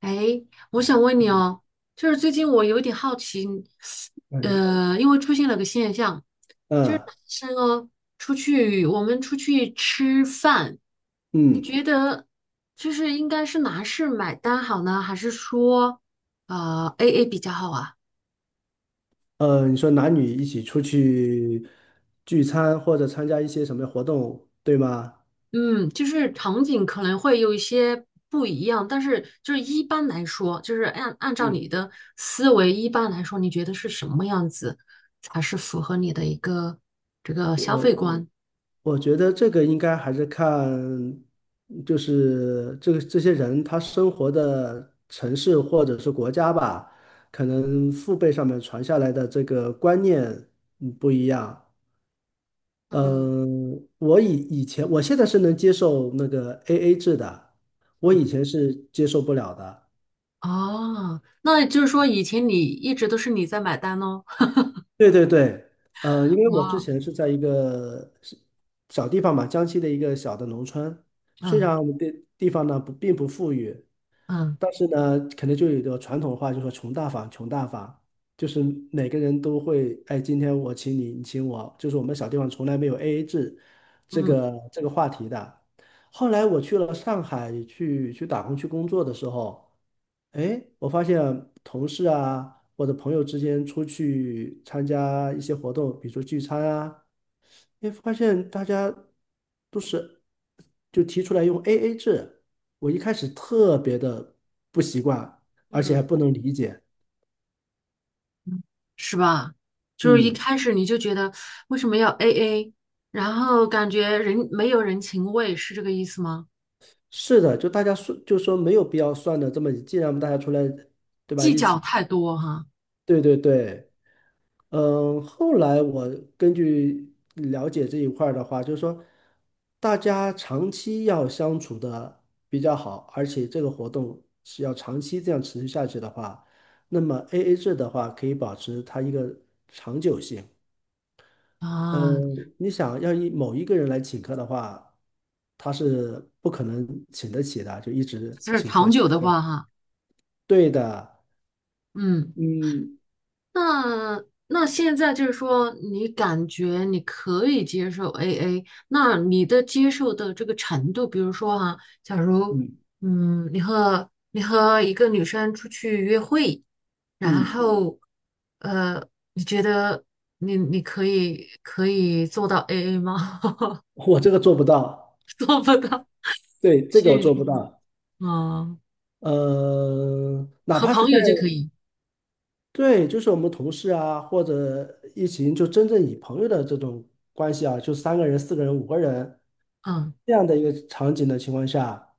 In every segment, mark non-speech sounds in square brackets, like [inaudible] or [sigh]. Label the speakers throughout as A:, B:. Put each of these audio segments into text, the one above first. A: 哎，我想问你哦，就是最近我有点好奇，
B: 嗯
A: 因为出现了个现象，
B: 嗯
A: 是哦我们出去吃饭，你
B: 嗯
A: 觉得就是应该是男士买单好呢，还是说AA 比较好啊？
B: 你说男女一起出去聚餐或者参加一些什么活动，对吗？
A: 嗯，就是场景可能会有一些不一样，但是就是一般来说，就是按照你
B: 嗯，
A: 的思维，一般来说，你觉得是什么样子才是符合你的一个这个消
B: 我
A: 费观？
B: 我觉得这个应该还是看，就是这些人他生活的城市或者是国家吧，可能父辈上面传下来的这个观念不一样。
A: 嗯
B: 嗯，我以前我现在是能接受那个 AA 制的，我
A: 嗯，
B: 以前是接受不了的。
A: 哦，那就是说以前你一直都是你在买单哦。
B: 对对对。呃，因为我之
A: 哇，
B: 前是在一个是小地方嘛，江西的一个小的农村，虽
A: 嗯
B: 然我们的地方呢不并不富裕，
A: 嗯
B: 但是呢，可能就有一个传统话，就说“穷大方，穷大方”，就是每个人都会，哎，今天我请你，你请我，就是我们小地方从来没有 AA 制这
A: 嗯，
B: 个这个话题的。后来我去了上海去打工去工作的时候。哎，我发现同事啊或者朋友之间出去参加一些活动，比如说聚餐啊，哎，发现大家都是就提出来用 AA 制，我一开始特别的不习惯，而且
A: 嗯，
B: 还不能理解。
A: 是吧？就是一
B: 嗯，
A: 开始你就觉得为什么要 AA，然后感觉人没有人情味，是这个意思吗？
B: 是的，就大家说就说没有必要算的这么，既然我们大家出来，对吧，
A: 计
B: 一
A: 较
B: 起，
A: 太多哈
B: 对对对。嗯，后来我根据了解这一块儿的话，就是说，大家长期要相处的比较好，而且这个活动是要长期这样持续下去的话，那么 AA 制的话可以保持它一个长久性。嗯，
A: 啊，
B: 你想要某一个人来请客的话，他是不可能请得起的，就一直
A: 就是
B: 请客。
A: 长久的话
B: 对，
A: 哈，
B: 对的。
A: 嗯，
B: 嗯
A: 那现在就是说，你感觉你可以接受 AA，那你的接受的这个程度，比如说哈，假如
B: 嗯
A: 你和一个女生出去约会，然
B: 嗯，
A: 后呃，你觉得你可以做到 AA 吗？[laughs]
B: 我这个做不到，
A: 做不到，
B: 对，这个我
A: 去
B: 做
A: 实，
B: 不到。
A: 嗯，
B: 呃，哪
A: 和
B: 怕是
A: 朋
B: 在
A: 友就可以，
B: 对，就是我们同事啊，或者一起就真正以朋友的这种关系啊，就3个人、4个人、五个人
A: 嗯
B: 这样的一个场景的情况下，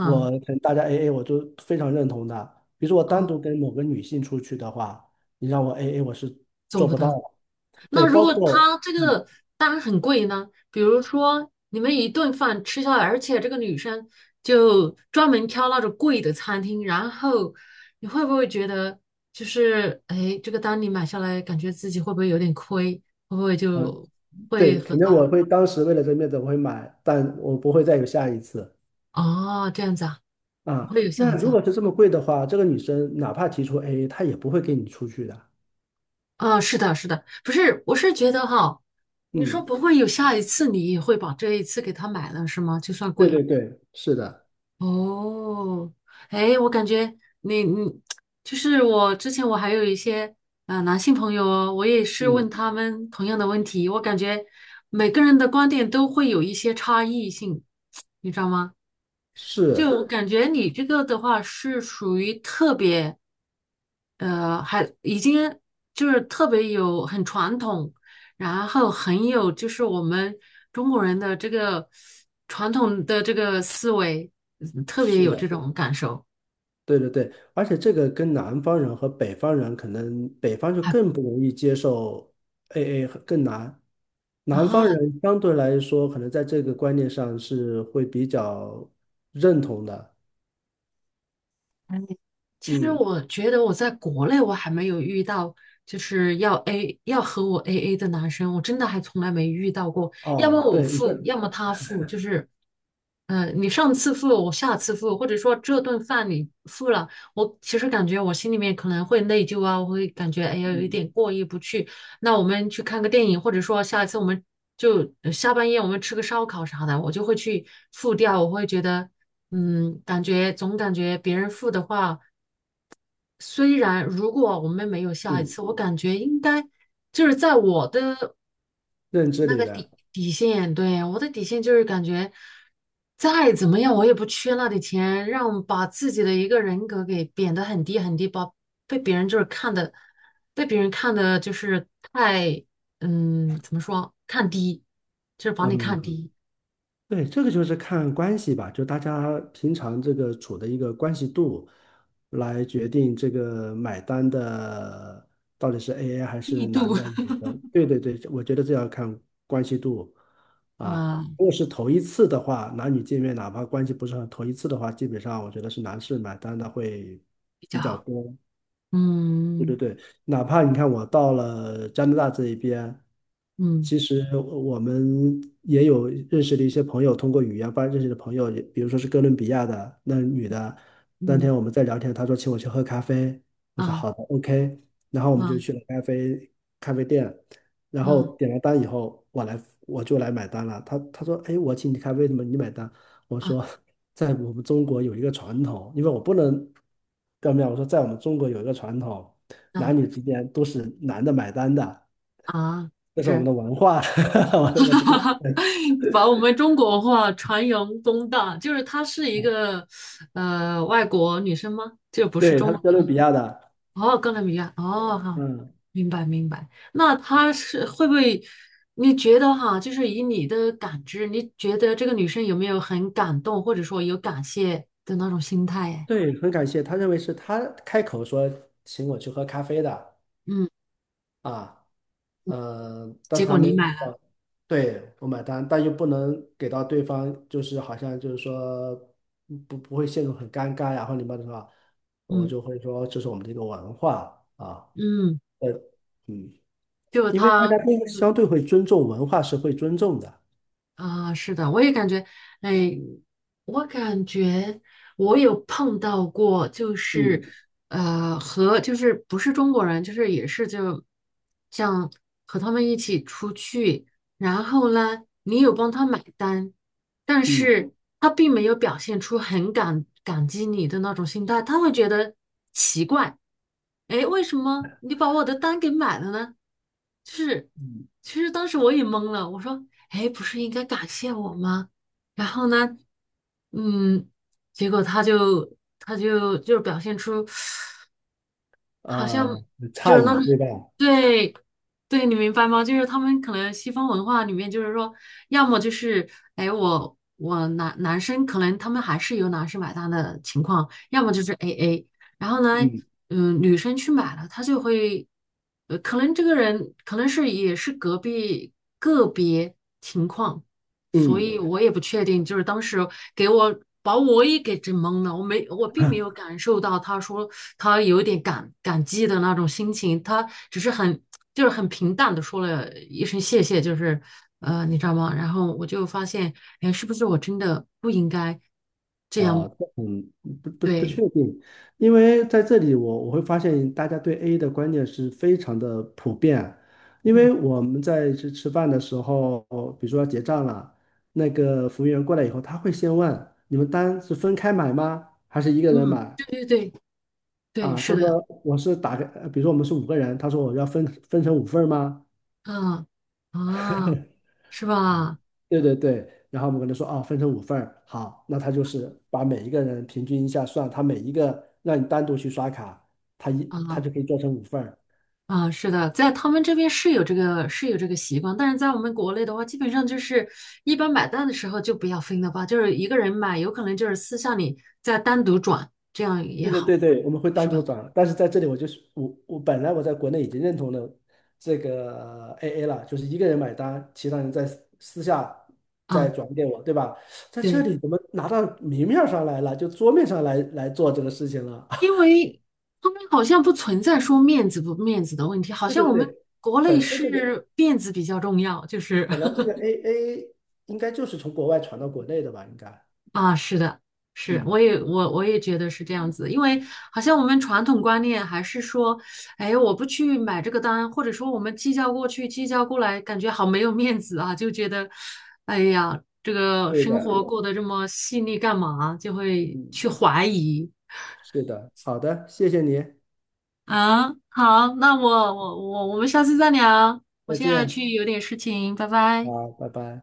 B: 我可能大家 AA，我就非常认同的。比如说我单
A: 啊，
B: 独跟某个女性出去的话，你让我 AA，我是
A: 做
B: 做
A: 不
B: 不到
A: 到。
B: 的。对，
A: 那如
B: 包
A: 果
B: 括
A: 他这
B: 嗯
A: 个单很贵呢？比如说你们一顿饭吃下来，而且这个女生就专门挑那种贵的餐厅，然后你会不会觉得就是哎，这个单你买下来，感觉自己会不会有点亏？会不会
B: 嗯，呃
A: 就会
B: 对，
A: 和
B: 肯定
A: 他
B: 我会当时为了这面子我会买，但我不会再有下一次。
A: 哦这样子啊？不
B: 啊，
A: 会有下
B: 那
A: 一次
B: 如
A: 啊？
B: 果是这么贵的话，这个女生哪怕提出 AA，她也不会跟你出去的。
A: 啊，是的，是的，不是，我是觉得哈，你说
B: 嗯，
A: 不会有下一次，你也会把这一次给他买了是吗？就算
B: 对
A: 贵。
B: 对对，是的。
A: 哦，哎，我感觉你就是我之前我还有一些男性朋友哦，我也是问
B: 嗯，
A: 他们同样的问题，我感觉每个人的观点都会有一些差异性，你知道吗？
B: 是
A: 就感觉你这个的话是属于特别，还已经就是特别有很传统，然后很有就是我们中国人的这个传统的这个思维，特别有这
B: 是，
A: 种感受。
B: 对对对，而且这个跟南方人和北方人，可能北方就
A: 还
B: 更不容易接受 AA 更难，南方
A: 啊，
B: 人相对来说，可能在这个观念上是会比较认同的。
A: 其实
B: 嗯，
A: 我觉得我在国内我还没有遇到，就是要和我 AA 的男生，我真的还从来没遇到过。要么
B: 哦，
A: 我
B: 对，你说。
A: 付，要么他付，就是，你上次付，我下次付，或者说这顿饭你付了，我其实感觉我心里面可能会内疚啊，我会感觉哎呀有一
B: 嗯
A: 点过意不去。那我们去看个电影，或者说下一次我们就下半夜我们吃个烧烤啥的，我就会去付掉，我会觉得。感觉总感觉别人付的话，虽然如果我们没有下一
B: 嗯，
A: 次，我感觉应该就是在我的
B: 认知
A: 那
B: 里
A: 个
B: 边。
A: 底线，对，我的底线就是感觉再怎么样我也不缺那点钱，让把自己的一个人格给贬得很低很低，把被别人就是看的，被别人看的就是太怎么说看低，就是把你看
B: 嗯。
A: 低
B: 对，这个就是看关系吧，就大家平常这个处的一个关系度，来决定这个买单的到底是 AA 还
A: 力
B: 是男
A: 度，
B: 的女的。对对对，我觉得这要看关系度
A: [laughs]
B: 啊。
A: 啊、
B: 如果是头一次的话，男女见面哪怕关系不是很头一次的话，基本上我觉得是男士买单的会
A: 比较
B: 比较
A: 好，
B: 多。对对
A: 嗯
B: 对，哪怕你看我到了加拿大这一边。
A: 嗯
B: 其实我们也有认识的一些朋友，通过语言吧认识的朋友，也比如说是哥伦比亚的那女的，那
A: 嗯
B: 天我们在聊天，她说请我去喝咖啡，我
A: 嗯
B: 说
A: 啊
B: 好的，OK，然后我们就去
A: 啊
B: 了咖啡店，然后
A: 啊
B: 点了单以后，我就来买单了，她说哎，我请你咖啡，怎么你买单？我
A: 啊
B: 说在我们中国有一个传统，因为我不能表面，我说在我们中国有一个传统，
A: 啊。
B: 男女之间都是男的买单的。
A: 啊，
B: 这是我们
A: 是，
B: 的文化。[laughs] 我是跟
A: [laughs] 把我们中国文化传扬光大，就是她是一个外国女生吗？
B: 对，他是哥伦比亚的。
A: 哦，哥伦比亚，哦，好，
B: 嗯，
A: 明白明白。那她是会不会？你觉得哈，就是以你的感知，你觉得这个女生有没有很感动，或者说有感谢的那种心态啊？哎
B: 对，很感谢，他认为是他开口说请我去喝咖啡的
A: 嗯，
B: 啊。呃，但
A: 结
B: 是
A: 果
B: 他没
A: 你
B: 有想
A: 买了，
B: 到对，我买单，但又不能给到对方，就是好像就是说不会陷入很尴尬呀，或者什么的话，我
A: 嗯
B: 就会说这是我们的一个文化啊。
A: 嗯，
B: 呃，嗯，
A: 就
B: 因为大
A: 她
B: 家都相对会尊重文化是会尊重的。
A: 啊，是的，我也感觉，哎，我感觉我有碰到过，就是
B: 嗯
A: 和就是不是中国人，就是也是就像和他们一起出去，然后呢，你有帮他买单，但
B: 嗯。
A: 是他并没有表现出很感激你的那种心态，他会觉得奇怪。哎，为什么你把我的单给买了呢？就是，
B: 嗯
A: 其实当时我也懵了，我说，哎，不是应该感谢我吗？然后呢，嗯，结果他就就是表现出好像
B: 呃
A: 就
B: 诧
A: 是那种，
B: 异，对吧？
A: 对，对，你明白吗？就是他们可能西方文化里面，就是说，要么就是，哎，我男生可能他们还是由男生买单的情况，要么就是 AA，然后呢，
B: 嗯
A: 女生去买了，她就会，可能这个人可能是也是隔壁个别情况，所
B: 嗯，
A: 以我也不确定，就是当时给我把我也给整懵了，我并没有感受到他说他有点感激的那种心情，他只是很就是很平淡的说了一声谢谢，就是你知道吗？然后我就发现，哎，是不是我真的不应该这样？
B: 啊，这嗯，不
A: 对，
B: 确定，因为在这里我会发现大家对 A 的观念是非常的普遍，因
A: 嗯
B: 为我们在吃饭的时候，比如说要结账了，那个服务员过来以后，他会先问你们单是分开买吗，还是一个人
A: 嗯，
B: 买？
A: 对对对对，
B: 啊，他
A: 是的，
B: 说我是打个，呃比如说我们是五个人，他说我要分成五份儿吗？
A: 嗯啊，是吧？
B: 对对对，然后我们跟他说啊，分成五份儿，好，那他就是把每一个人平均一下算，他每一个让你单独去刷卡，他
A: 啊。
B: 就可以做成五份儿。
A: 啊，是的，在他们这边是有这个习惯，但是在我们国内的话，基本上就是一般买单的时候就不要分了吧，就是一个人买，有可能就是私下里再单独转，这样也
B: 对对
A: 好，
B: 对对，我们会单
A: 是
B: 独
A: 吧？
B: 转，但是在这里我本来我在国内已经认同了这个 AA 了，就是一个人买单，其他人在私下再
A: 啊，
B: 转给我，对吧？在这
A: 对，
B: 里怎么拿到明面儿上来了，就桌面上来做这个事情了？
A: 因为他们好像不存在说面子不面子的问题，
B: [laughs]
A: 好
B: 对
A: 像
B: 对
A: 我们
B: 对，
A: 国内
B: 本身这个。
A: 是面子比较重要，就是
B: 本来这个
A: [laughs]
B: AA 应该就是从国外传到国内的吧？应该。
A: 啊，是的，是，
B: 嗯，
A: 我也觉得是这样子，因为好像我们传统观念还是说，哎，我不去买这个单，或者说我们计较过去，计较过来，感觉好没有面子啊，就觉得，哎呀，这个
B: 对
A: 生
B: 的。
A: 活过得这么细腻干嘛？就会
B: 嗯，
A: 去怀疑
B: 是的，好的，谢谢你。
A: 啊。好，那我们下次再聊，我
B: 再
A: 现在
B: 见，
A: 去有点事情，拜拜。
B: 好，拜拜。